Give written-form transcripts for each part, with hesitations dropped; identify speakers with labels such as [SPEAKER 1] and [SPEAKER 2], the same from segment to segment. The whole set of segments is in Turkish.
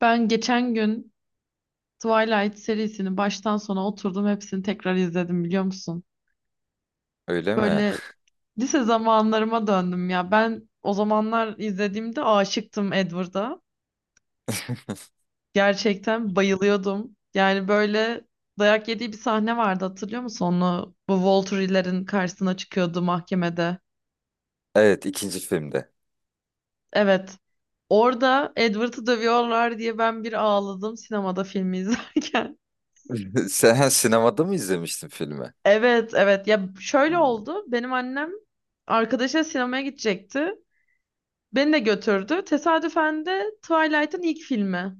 [SPEAKER 1] Ben geçen gün Twilight serisini baştan sona oturdum hepsini tekrar izledim biliyor musun?
[SPEAKER 2] Öyle mi?
[SPEAKER 1] Böyle lise zamanlarıma döndüm ya. Ben o zamanlar izlediğimde aşıktım Edward'a. Gerçekten bayılıyordum. Yani böyle dayak yediği bir sahne vardı hatırlıyor musun? Onu bu Volturi'lerin karşısına çıkıyordu mahkemede.
[SPEAKER 2] Evet, ikinci filmde.
[SPEAKER 1] Evet. Orada Edward'ı dövüyorlar diye ben bir ağladım sinemada filmi izlerken.
[SPEAKER 2] Sen sinemada mı izlemiştin filmi?
[SPEAKER 1] Evet, evet, ya şöyle
[SPEAKER 2] Hmm.
[SPEAKER 1] oldu benim annem arkadaşıyla sinemaya gidecekti beni de götürdü tesadüfen de Twilight'ın ilk filmi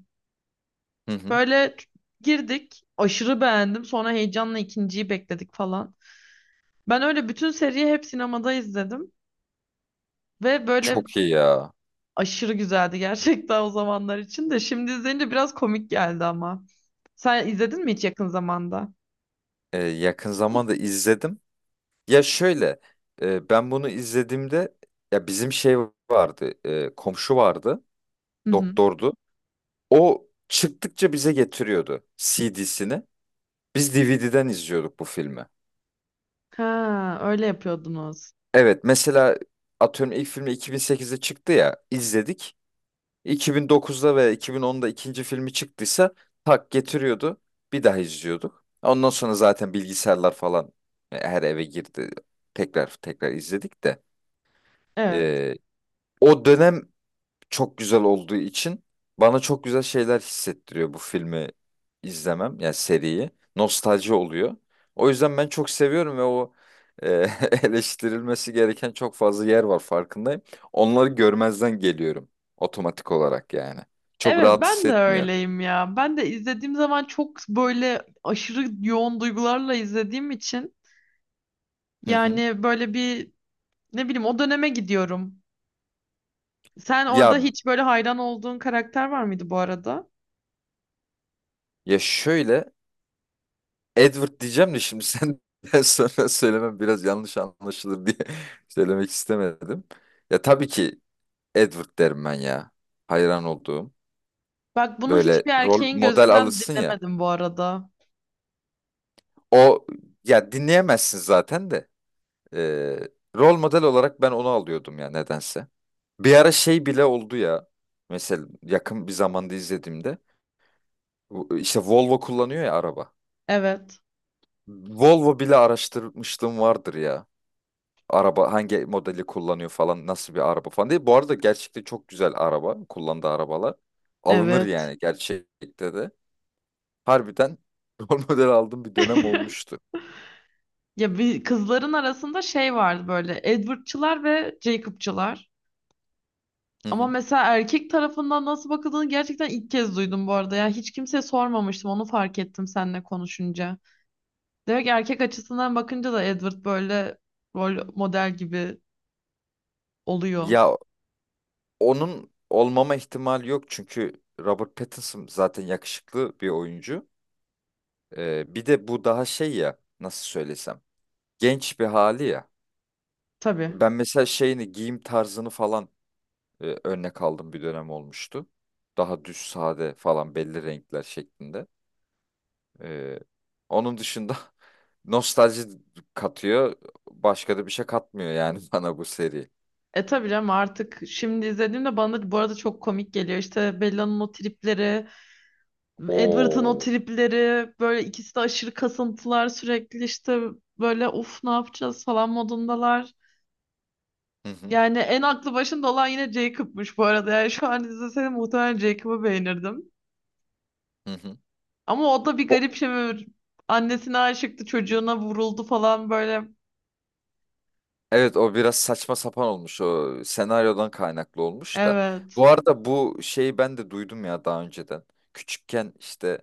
[SPEAKER 2] Hı hı.
[SPEAKER 1] böyle girdik aşırı beğendim sonra heyecanla ikinciyi bekledik falan ben öyle bütün seriyi hep sinemada izledim ve böyle
[SPEAKER 2] Çok iyi ya.
[SPEAKER 1] aşırı güzeldi gerçekten o zamanlar için de şimdi izleyince biraz komik geldi ama sen izledin mi hiç yakın zamanda?
[SPEAKER 2] Yakın zamanda izledim. Ya şöyle, ben bunu izlediğimde ya bizim şey vardı, komşu vardı,
[SPEAKER 1] Hı hı.
[SPEAKER 2] doktordu. O çıktıkça bize getiriyordu CD'sini. Biz DVD'den izliyorduk bu filmi.
[SPEAKER 1] Ha öyle yapıyordunuz.
[SPEAKER 2] Evet, mesela atıyorum ilk filmi 2008'de çıktı ya, izledik. 2009'da ve 2010'da ikinci filmi çıktıysa tak getiriyordu. Bir daha izliyorduk. Ondan sonra zaten bilgisayarlar falan her eve girdi. Tekrar tekrar izledik de.
[SPEAKER 1] Evet.
[SPEAKER 2] Ee, O dönem çok güzel olduğu için bana çok güzel şeyler hissettiriyor bu filmi izlemem yani seriyi. Nostalji oluyor. O yüzden ben çok seviyorum ve e, eleştirilmesi gereken çok fazla yer var farkındayım. Onları görmezden geliyorum otomatik olarak yani. Çok
[SPEAKER 1] Evet
[SPEAKER 2] rahat
[SPEAKER 1] ben de
[SPEAKER 2] hissetmiyor.
[SPEAKER 1] öyleyim ya. Ben de izlediğim zaman çok böyle aşırı yoğun duygularla izlediğim için
[SPEAKER 2] Hı hı.
[SPEAKER 1] yani böyle bir ne bileyim o döneme gidiyorum. Sen orada
[SPEAKER 2] Ya
[SPEAKER 1] hiç böyle hayran olduğun karakter var mıydı bu arada?
[SPEAKER 2] ya şöyle Edward diyeceğim de şimdi senden sonra söylemem biraz yanlış anlaşılır diye söylemek istemedim. Ya tabii ki Edward derim ben ya. Hayran olduğum.
[SPEAKER 1] Bak bunu
[SPEAKER 2] Böyle
[SPEAKER 1] hiçbir
[SPEAKER 2] rol
[SPEAKER 1] erkeğin
[SPEAKER 2] model
[SPEAKER 1] gözünden
[SPEAKER 2] alırsın ya.
[SPEAKER 1] dinlemedim bu arada.
[SPEAKER 2] O ya dinleyemezsin zaten de. Ee, Rol model olarak ben onu alıyordum ya nedense. Bir ara şey bile oldu ya. Mesela yakın bir zamanda izlediğimde işte Volvo kullanıyor ya araba.
[SPEAKER 1] Evet.
[SPEAKER 2] Volvo bile araştırmışlığım vardır ya. Araba hangi modeli kullanıyor falan nasıl bir araba falan diye. Bu arada gerçekten çok güzel araba. Kullandığı arabalar. Alınır
[SPEAKER 1] Evet.
[SPEAKER 2] yani gerçekte de. Harbiden rol model aldığım bir dönem olmuştu.
[SPEAKER 1] Ya bir kızların arasında şey vardı böyle Edward'çılar ve Jacob'çılar.
[SPEAKER 2] Hı
[SPEAKER 1] Ama
[SPEAKER 2] hı.
[SPEAKER 1] mesela erkek tarafından nasıl bakıldığını gerçekten ilk kez duydum bu arada. Ya hiç kimseye sormamıştım. Onu fark ettim seninle konuşunca. Demek ki erkek açısından bakınca da Edward böyle rol model gibi oluyor.
[SPEAKER 2] Ya onun olmama ihtimali yok çünkü Robert Pattinson zaten yakışıklı bir oyuncu. Bir de bu daha şey ya nasıl söylesem genç bir hali ya.
[SPEAKER 1] Tabii.
[SPEAKER 2] Ben mesela şeyini giyim tarzını falan örnek aldım bir dönem olmuştu. Daha düz sade falan belli renkler şeklinde. Ee, Onun dışında nostalji katıyor. Başka da bir şey katmıyor yani bana bu seri.
[SPEAKER 1] E tabii canım artık şimdi izlediğimde bana da bu arada çok komik geliyor. İşte Bella'nın o tripleri Edward'ın o
[SPEAKER 2] Oo.
[SPEAKER 1] tripleri böyle ikisi de aşırı kasıntılar sürekli işte böyle uf ne yapacağız falan modundalar.
[SPEAKER 2] Hı hı.
[SPEAKER 1] Yani en aklı başında olan yine Jacob'muş bu arada. Yani şu an izleseydim muhtemelen Jacob'ı beğenirdim.
[SPEAKER 2] Hı hı.
[SPEAKER 1] Ama o da bir
[SPEAKER 2] O,
[SPEAKER 1] garip şey, böyle annesine aşıktı çocuğuna vuruldu falan böyle.
[SPEAKER 2] evet o biraz saçma sapan olmuş o senaryodan kaynaklı olmuş da.
[SPEAKER 1] Evet.
[SPEAKER 2] Bu arada bu şeyi ben de duydum ya daha önceden. Küçükken işte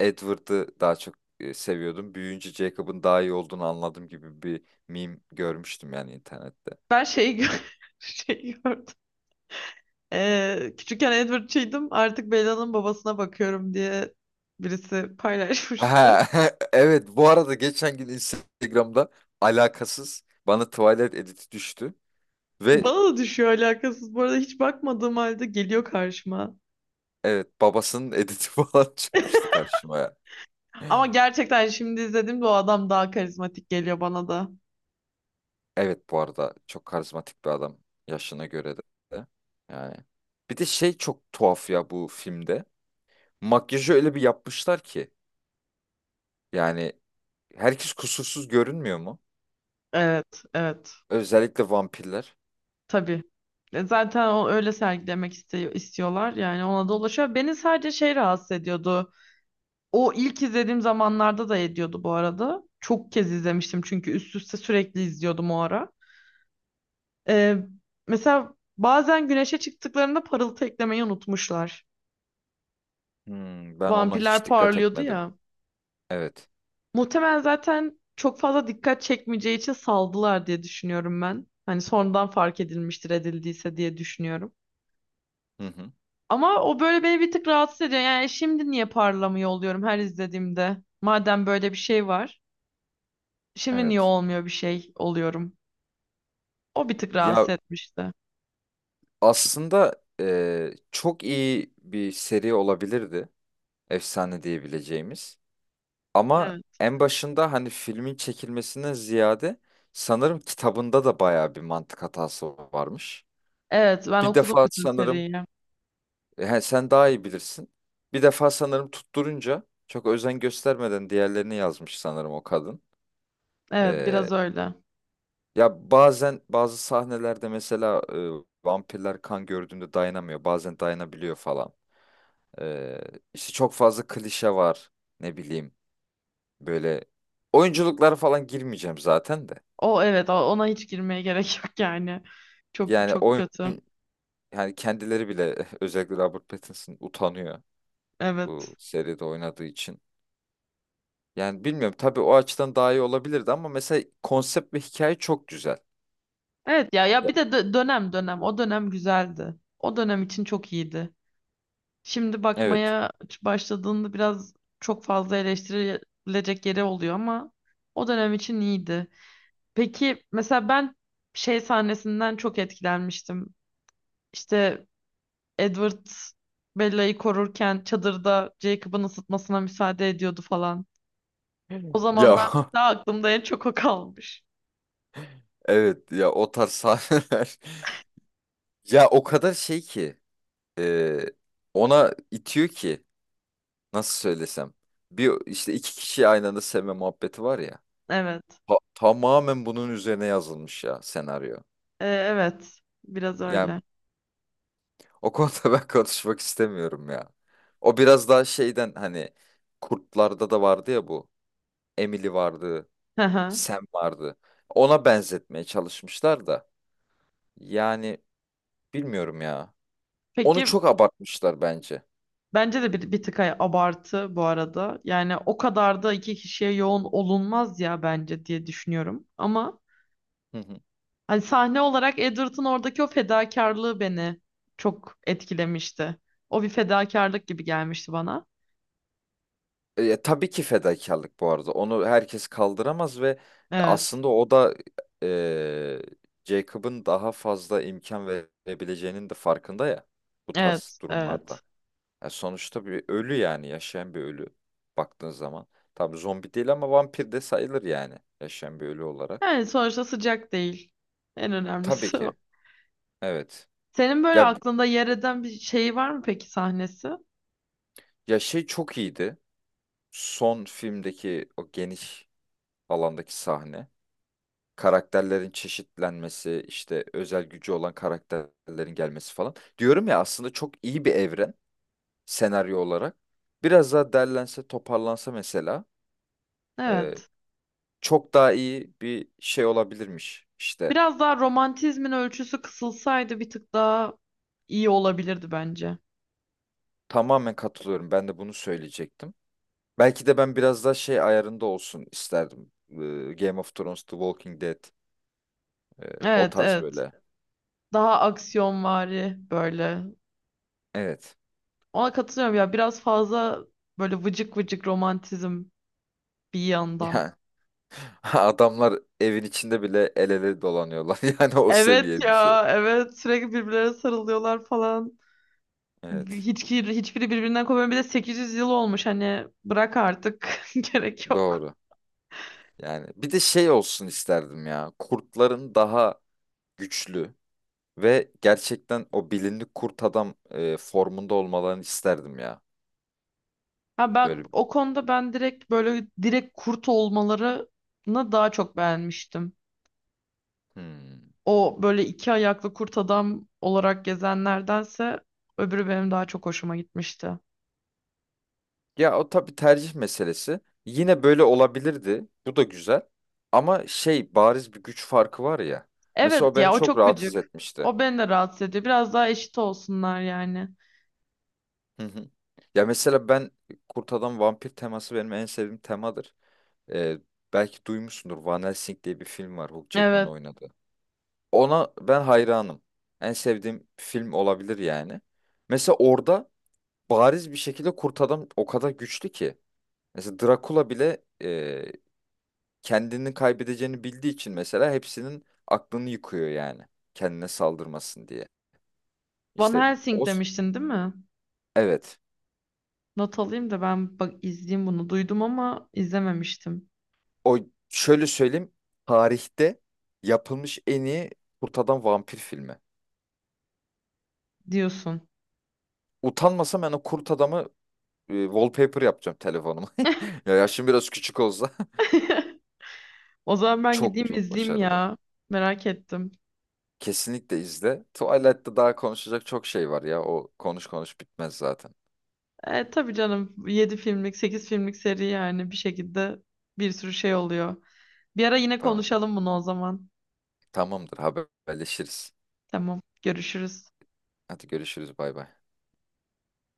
[SPEAKER 2] Edward'ı daha çok seviyordum. Büyüyünce Jacob'ın daha iyi olduğunu anladım gibi bir meme görmüştüm yani internette.
[SPEAKER 1] Ben şeyi, gö şeyi gördüm. Küçükken Edward'çıydım artık Bella'nın babasına bakıyorum diye birisi paylaşmış.
[SPEAKER 2] Ha, evet bu arada geçen gün Instagram'da alakasız bana Twilight editi düştü ve
[SPEAKER 1] Bana da düşüyor alakasız. Bu arada hiç bakmadığım halde geliyor karşıma.
[SPEAKER 2] evet babasının editi falan çıkmıştı karşıma ya.
[SPEAKER 1] Ama gerçekten şimdi izlediğimde o adam daha karizmatik geliyor bana da.
[SPEAKER 2] Evet bu arada çok karizmatik bir adam yaşına göre de. Yani bir de şey çok tuhaf ya bu filmde. Makyajı öyle bir yapmışlar ki yani herkes kusursuz görünmüyor mu?
[SPEAKER 1] Evet, evet.
[SPEAKER 2] Özellikle vampirler.
[SPEAKER 1] Tabii. Zaten o öyle sergilemek istiyor, istiyorlar. Yani ona da ulaşıyor. Beni sadece şey rahatsız ediyordu. O ilk izlediğim zamanlarda da ediyordu bu arada. Çok kez izlemiştim çünkü üst üste sürekli izliyordum o ara. E, Mesela bazen güneşe çıktıklarında parıltı eklemeyi unutmuşlar.
[SPEAKER 2] Hmm, ben ona
[SPEAKER 1] Vampirler
[SPEAKER 2] hiç dikkat
[SPEAKER 1] parlıyordu
[SPEAKER 2] etmedim.
[SPEAKER 1] ya.
[SPEAKER 2] Evet.
[SPEAKER 1] Muhtemelen zaten çok fazla dikkat çekmeyeceği için saldılar diye düşünüyorum ben. Hani sonradan fark edilmiştir edildiyse diye düşünüyorum.
[SPEAKER 2] Hı hı.
[SPEAKER 1] Ama o böyle beni bir tık rahatsız ediyor. Yani şimdi niye parlamıyor oluyorum her izlediğimde? Madem böyle bir şey var. Şimdi niye
[SPEAKER 2] Evet.
[SPEAKER 1] olmuyor bir şey oluyorum? O bir tık rahatsız
[SPEAKER 2] Ya
[SPEAKER 1] etmişti.
[SPEAKER 2] aslında çok iyi bir seri olabilirdi. Efsane diyebileceğimiz. Ama
[SPEAKER 1] Evet.
[SPEAKER 2] en başında hani filmin çekilmesinden ziyade sanırım kitabında da bayağı bir mantık hatası varmış.
[SPEAKER 1] Evet ben
[SPEAKER 2] Bir
[SPEAKER 1] okudum
[SPEAKER 2] defa
[SPEAKER 1] bütün
[SPEAKER 2] sanırım
[SPEAKER 1] seriyi.
[SPEAKER 2] sen daha iyi bilirsin. Bir defa sanırım tutturunca çok özen göstermeden diğerlerini yazmış sanırım o kadın.
[SPEAKER 1] Evet
[SPEAKER 2] Ee,
[SPEAKER 1] biraz öyle.
[SPEAKER 2] Ya bazen bazı sahnelerde mesela vampirler kan gördüğünde dayanamıyor. Bazen dayanabiliyor falan. Ee, işte çok fazla klişe var. Ne bileyim böyle oyunculuklara falan girmeyeceğim zaten de.
[SPEAKER 1] O evet ona hiç girmeye gerek yok yani. Çok
[SPEAKER 2] Yani
[SPEAKER 1] çok
[SPEAKER 2] oyun
[SPEAKER 1] kötü.
[SPEAKER 2] yani kendileri bile özellikle Robert Pattinson utanıyor
[SPEAKER 1] Evet.
[SPEAKER 2] bu seride oynadığı için. Yani bilmiyorum tabii o açıdan daha iyi olabilirdi ama mesela konsept ve hikaye çok güzel.
[SPEAKER 1] Evet ya ya
[SPEAKER 2] Ya-
[SPEAKER 1] bir de dönem dönem o dönem güzeldi. O dönem için çok iyiydi. Şimdi
[SPEAKER 2] Evet.
[SPEAKER 1] bakmaya başladığında biraz çok fazla eleştirilecek yeri oluyor ama o dönem için iyiydi. Peki mesela ben şey sahnesinden çok etkilenmiştim. İşte Edward Bella'yı korurken çadırda Jacob'ın ısıtmasına müsaade ediyordu falan. O
[SPEAKER 2] Ya
[SPEAKER 1] zamanlar daha aklımda en çok o kalmış.
[SPEAKER 2] evet ya o tarz sahneler. Ya o kadar şey ki e, ona itiyor ki nasıl söylesem. Bir işte iki kişi aynı anda sevme muhabbeti var ya.
[SPEAKER 1] Evet.
[SPEAKER 2] Tamamen bunun üzerine yazılmış ya senaryo.
[SPEAKER 1] Evet. Biraz
[SPEAKER 2] Yani
[SPEAKER 1] öyle.
[SPEAKER 2] o konuda ben konuşmak istemiyorum ya. O biraz daha şeyden hani Kurtlarda da vardı ya bu. Emily vardı,
[SPEAKER 1] Hı hı.
[SPEAKER 2] Sam vardı. Ona benzetmeye çalışmışlar da. Yani bilmiyorum ya. Onu
[SPEAKER 1] Peki
[SPEAKER 2] çok abartmışlar bence.
[SPEAKER 1] bence de bir tık abartı bu arada. Yani o kadar da iki kişiye yoğun olunmaz ya bence diye düşünüyorum. Ama
[SPEAKER 2] Hı hı.
[SPEAKER 1] hani sahne olarak Edward'ın oradaki o fedakarlığı beni çok etkilemişti. O bir fedakarlık gibi gelmişti bana.
[SPEAKER 2] Tabii ki fedakarlık bu arada. Onu herkes kaldıramaz ve
[SPEAKER 1] Evet,
[SPEAKER 2] aslında o da e, Jacob'ın daha fazla imkan verebileceğinin de farkında ya bu tarz
[SPEAKER 1] evet,
[SPEAKER 2] durumlarda.
[SPEAKER 1] evet.
[SPEAKER 2] Ya sonuçta bir ölü yani yaşayan bir ölü baktığın zaman. Tabii zombi değil ama vampir de sayılır yani yaşayan bir ölü olarak.
[SPEAKER 1] Yani sonuçta sıcak değil. En
[SPEAKER 2] Tabii
[SPEAKER 1] önemlisi o.
[SPEAKER 2] ki. Evet.
[SPEAKER 1] Senin böyle
[SPEAKER 2] Ya
[SPEAKER 1] aklında yer eden bir şey var mı peki sahnesi?
[SPEAKER 2] ya şey çok iyiydi. Son filmdeki o geniş alandaki sahne. Karakterlerin çeşitlenmesi, işte özel gücü olan karakterlerin gelmesi falan. Diyorum ya aslında çok iyi bir evren senaryo olarak. Biraz daha derlense, toparlansa mesela e,
[SPEAKER 1] Evet.
[SPEAKER 2] çok daha iyi bir şey olabilirmiş. İşte
[SPEAKER 1] Biraz daha romantizmin ölçüsü kısılsaydı bir tık daha iyi olabilirdi bence.
[SPEAKER 2] tamamen katılıyorum. Ben de bunu söyleyecektim. Belki de ben biraz daha şey ayarında olsun isterdim. Game of Thrones, The Walking Dead, e, o
[SPEAKER 1] Evet,
[SPEAKER 2] tarz
[SPEAKER 1] evet.
[SPEAKER 2] böyle.
[SPEAKER 1] Daha aksiyonvari böyle.
[SPEAKER 2] Evet.
[SPEAKER 1] Ona katılıyorum ya biraz fazla böyle vıcık vıcık romantizm bir yandan.
[SPEAKER 2] Yani adamlar evin içinde bile el ele dolanıyorlar. Yani o
[SPEAKER 1] Evet
[SPEAKER 2] seviye bir şey.
[SPEAKER 1] ya evet sürekli birbirlerine sarılıyorlar falan.
[SPEAKER 2] Evet.
[SPEAKER 1] Hiçbiri birbirinden kopmuyor. Bir de 800 yıl olmuş hani bırak artık gerek yok.
[SPEAKER 2] Doğru. Yani bir de şey olsun isterdim ya. Kurtların daha güçlü ve gerçekten o bilinli kurt adam formunda olmalarını isterdim ya.
[SPEAKER 1] Ha bak
[SPEAKER 2] Böyle.
[SPEAKER 1] o konuda ben direkt böyle direkt kurt olmalarını daha çok beğenmiştim.
[SPEAKER 2] Hmm.
[SPEAKER 1] O böyle iki ayaklı kurt adam olarak gezenlerdense öbürü benim daha çok hoşuma gitmişti.
[SPEAKER 2] Ya o tabii tercih meselesi. Yine böyle olabilirdi. Bu da güzel. Ama şey bariz bir güç farkı var ya. Mesela
[SPEAKER 1] Evet
[SPEAKER 2] o beni
[SPEAKER 1] ya o
[SPEAKER 2] çok
[SPEAKER 1] çok
[SPEAKER 2] rahatsız
[SPEAKER 1] gıcık.
[SPEAKER 2] etmişti.
[SPEAKER 1] O beni de rahatsız ediyor. Biraz daha eşit olsunlar yani.
[SPEAKER 2] Hı hı. Ya mesela ben Kurt Adam Vampir teması benim en sevdiğim temadır. Ee, Belki duymuşsundur. Van Helsing diye bir film var Hugh Jackman'ın
[SPEAKER 1] Evet.
[SPEAKER 2] oynadığı. Ona ben hayranım. En sevdiğim film olabilir yani. Mesela orada bariz bir şekilde Kurt Adam o kadar güçlü ki. Mesela Drakula bile kendini kaybedeceğini bildiği için mesela hepsinin aklını yıkıyor yani. Kendine saldırmasın diye.
[SPEAKER 1] Van
[SPEAKER 2] İşte
[SPEAKER 1] Helsing
[SPEAKER 2] o
[SPEAKER 1] demiştin değil mi?
[SPEAKER 2] evet.
[SPEAKER 1] Not alayım da ben bak izleyeyim bunu. Duydum ama izlememiştim
[SPEAKER 2] O şöyle söyleyeyim. Tarihte yapılmış en iyi kurt adam vampir filmi.
[SPEAKER 1] diyorsun.
[SPEAKER 2] Utanmasam ben o kurt adamı wallpaper yapacağım telefonuma. Ya yaşım biraz küçük olsa
[SPEAKER 1] O zaman ben gideyim
[SPEAKER 2] çok yok
[SPEAKER 1] izleyeyim
[SPEAKER 2] başarılı.
[SPEAKER 1] ya. Merak ettim.
[SPEAKER 2] Kesinlikle izle. Twilight'ta daha konuşacak çok şey var ya. O konuş konuş bitmez zaten.
[SPEAKER 1] Tabii canım 7 filmlik 8 filmlik seri yani bir şekilde bir sürü şey oluyor. Bir ara yine
[SPEAKER 2] Tamam.
[SPEAKER 1] konuşalım bunu o zaman.
[SPEAKER 2] Tamamdır haberleşiriz.
[SPEAKER 1] Tamam görüşürüz.
[SPEAKER 2] Hadi görüşürüz bay bay.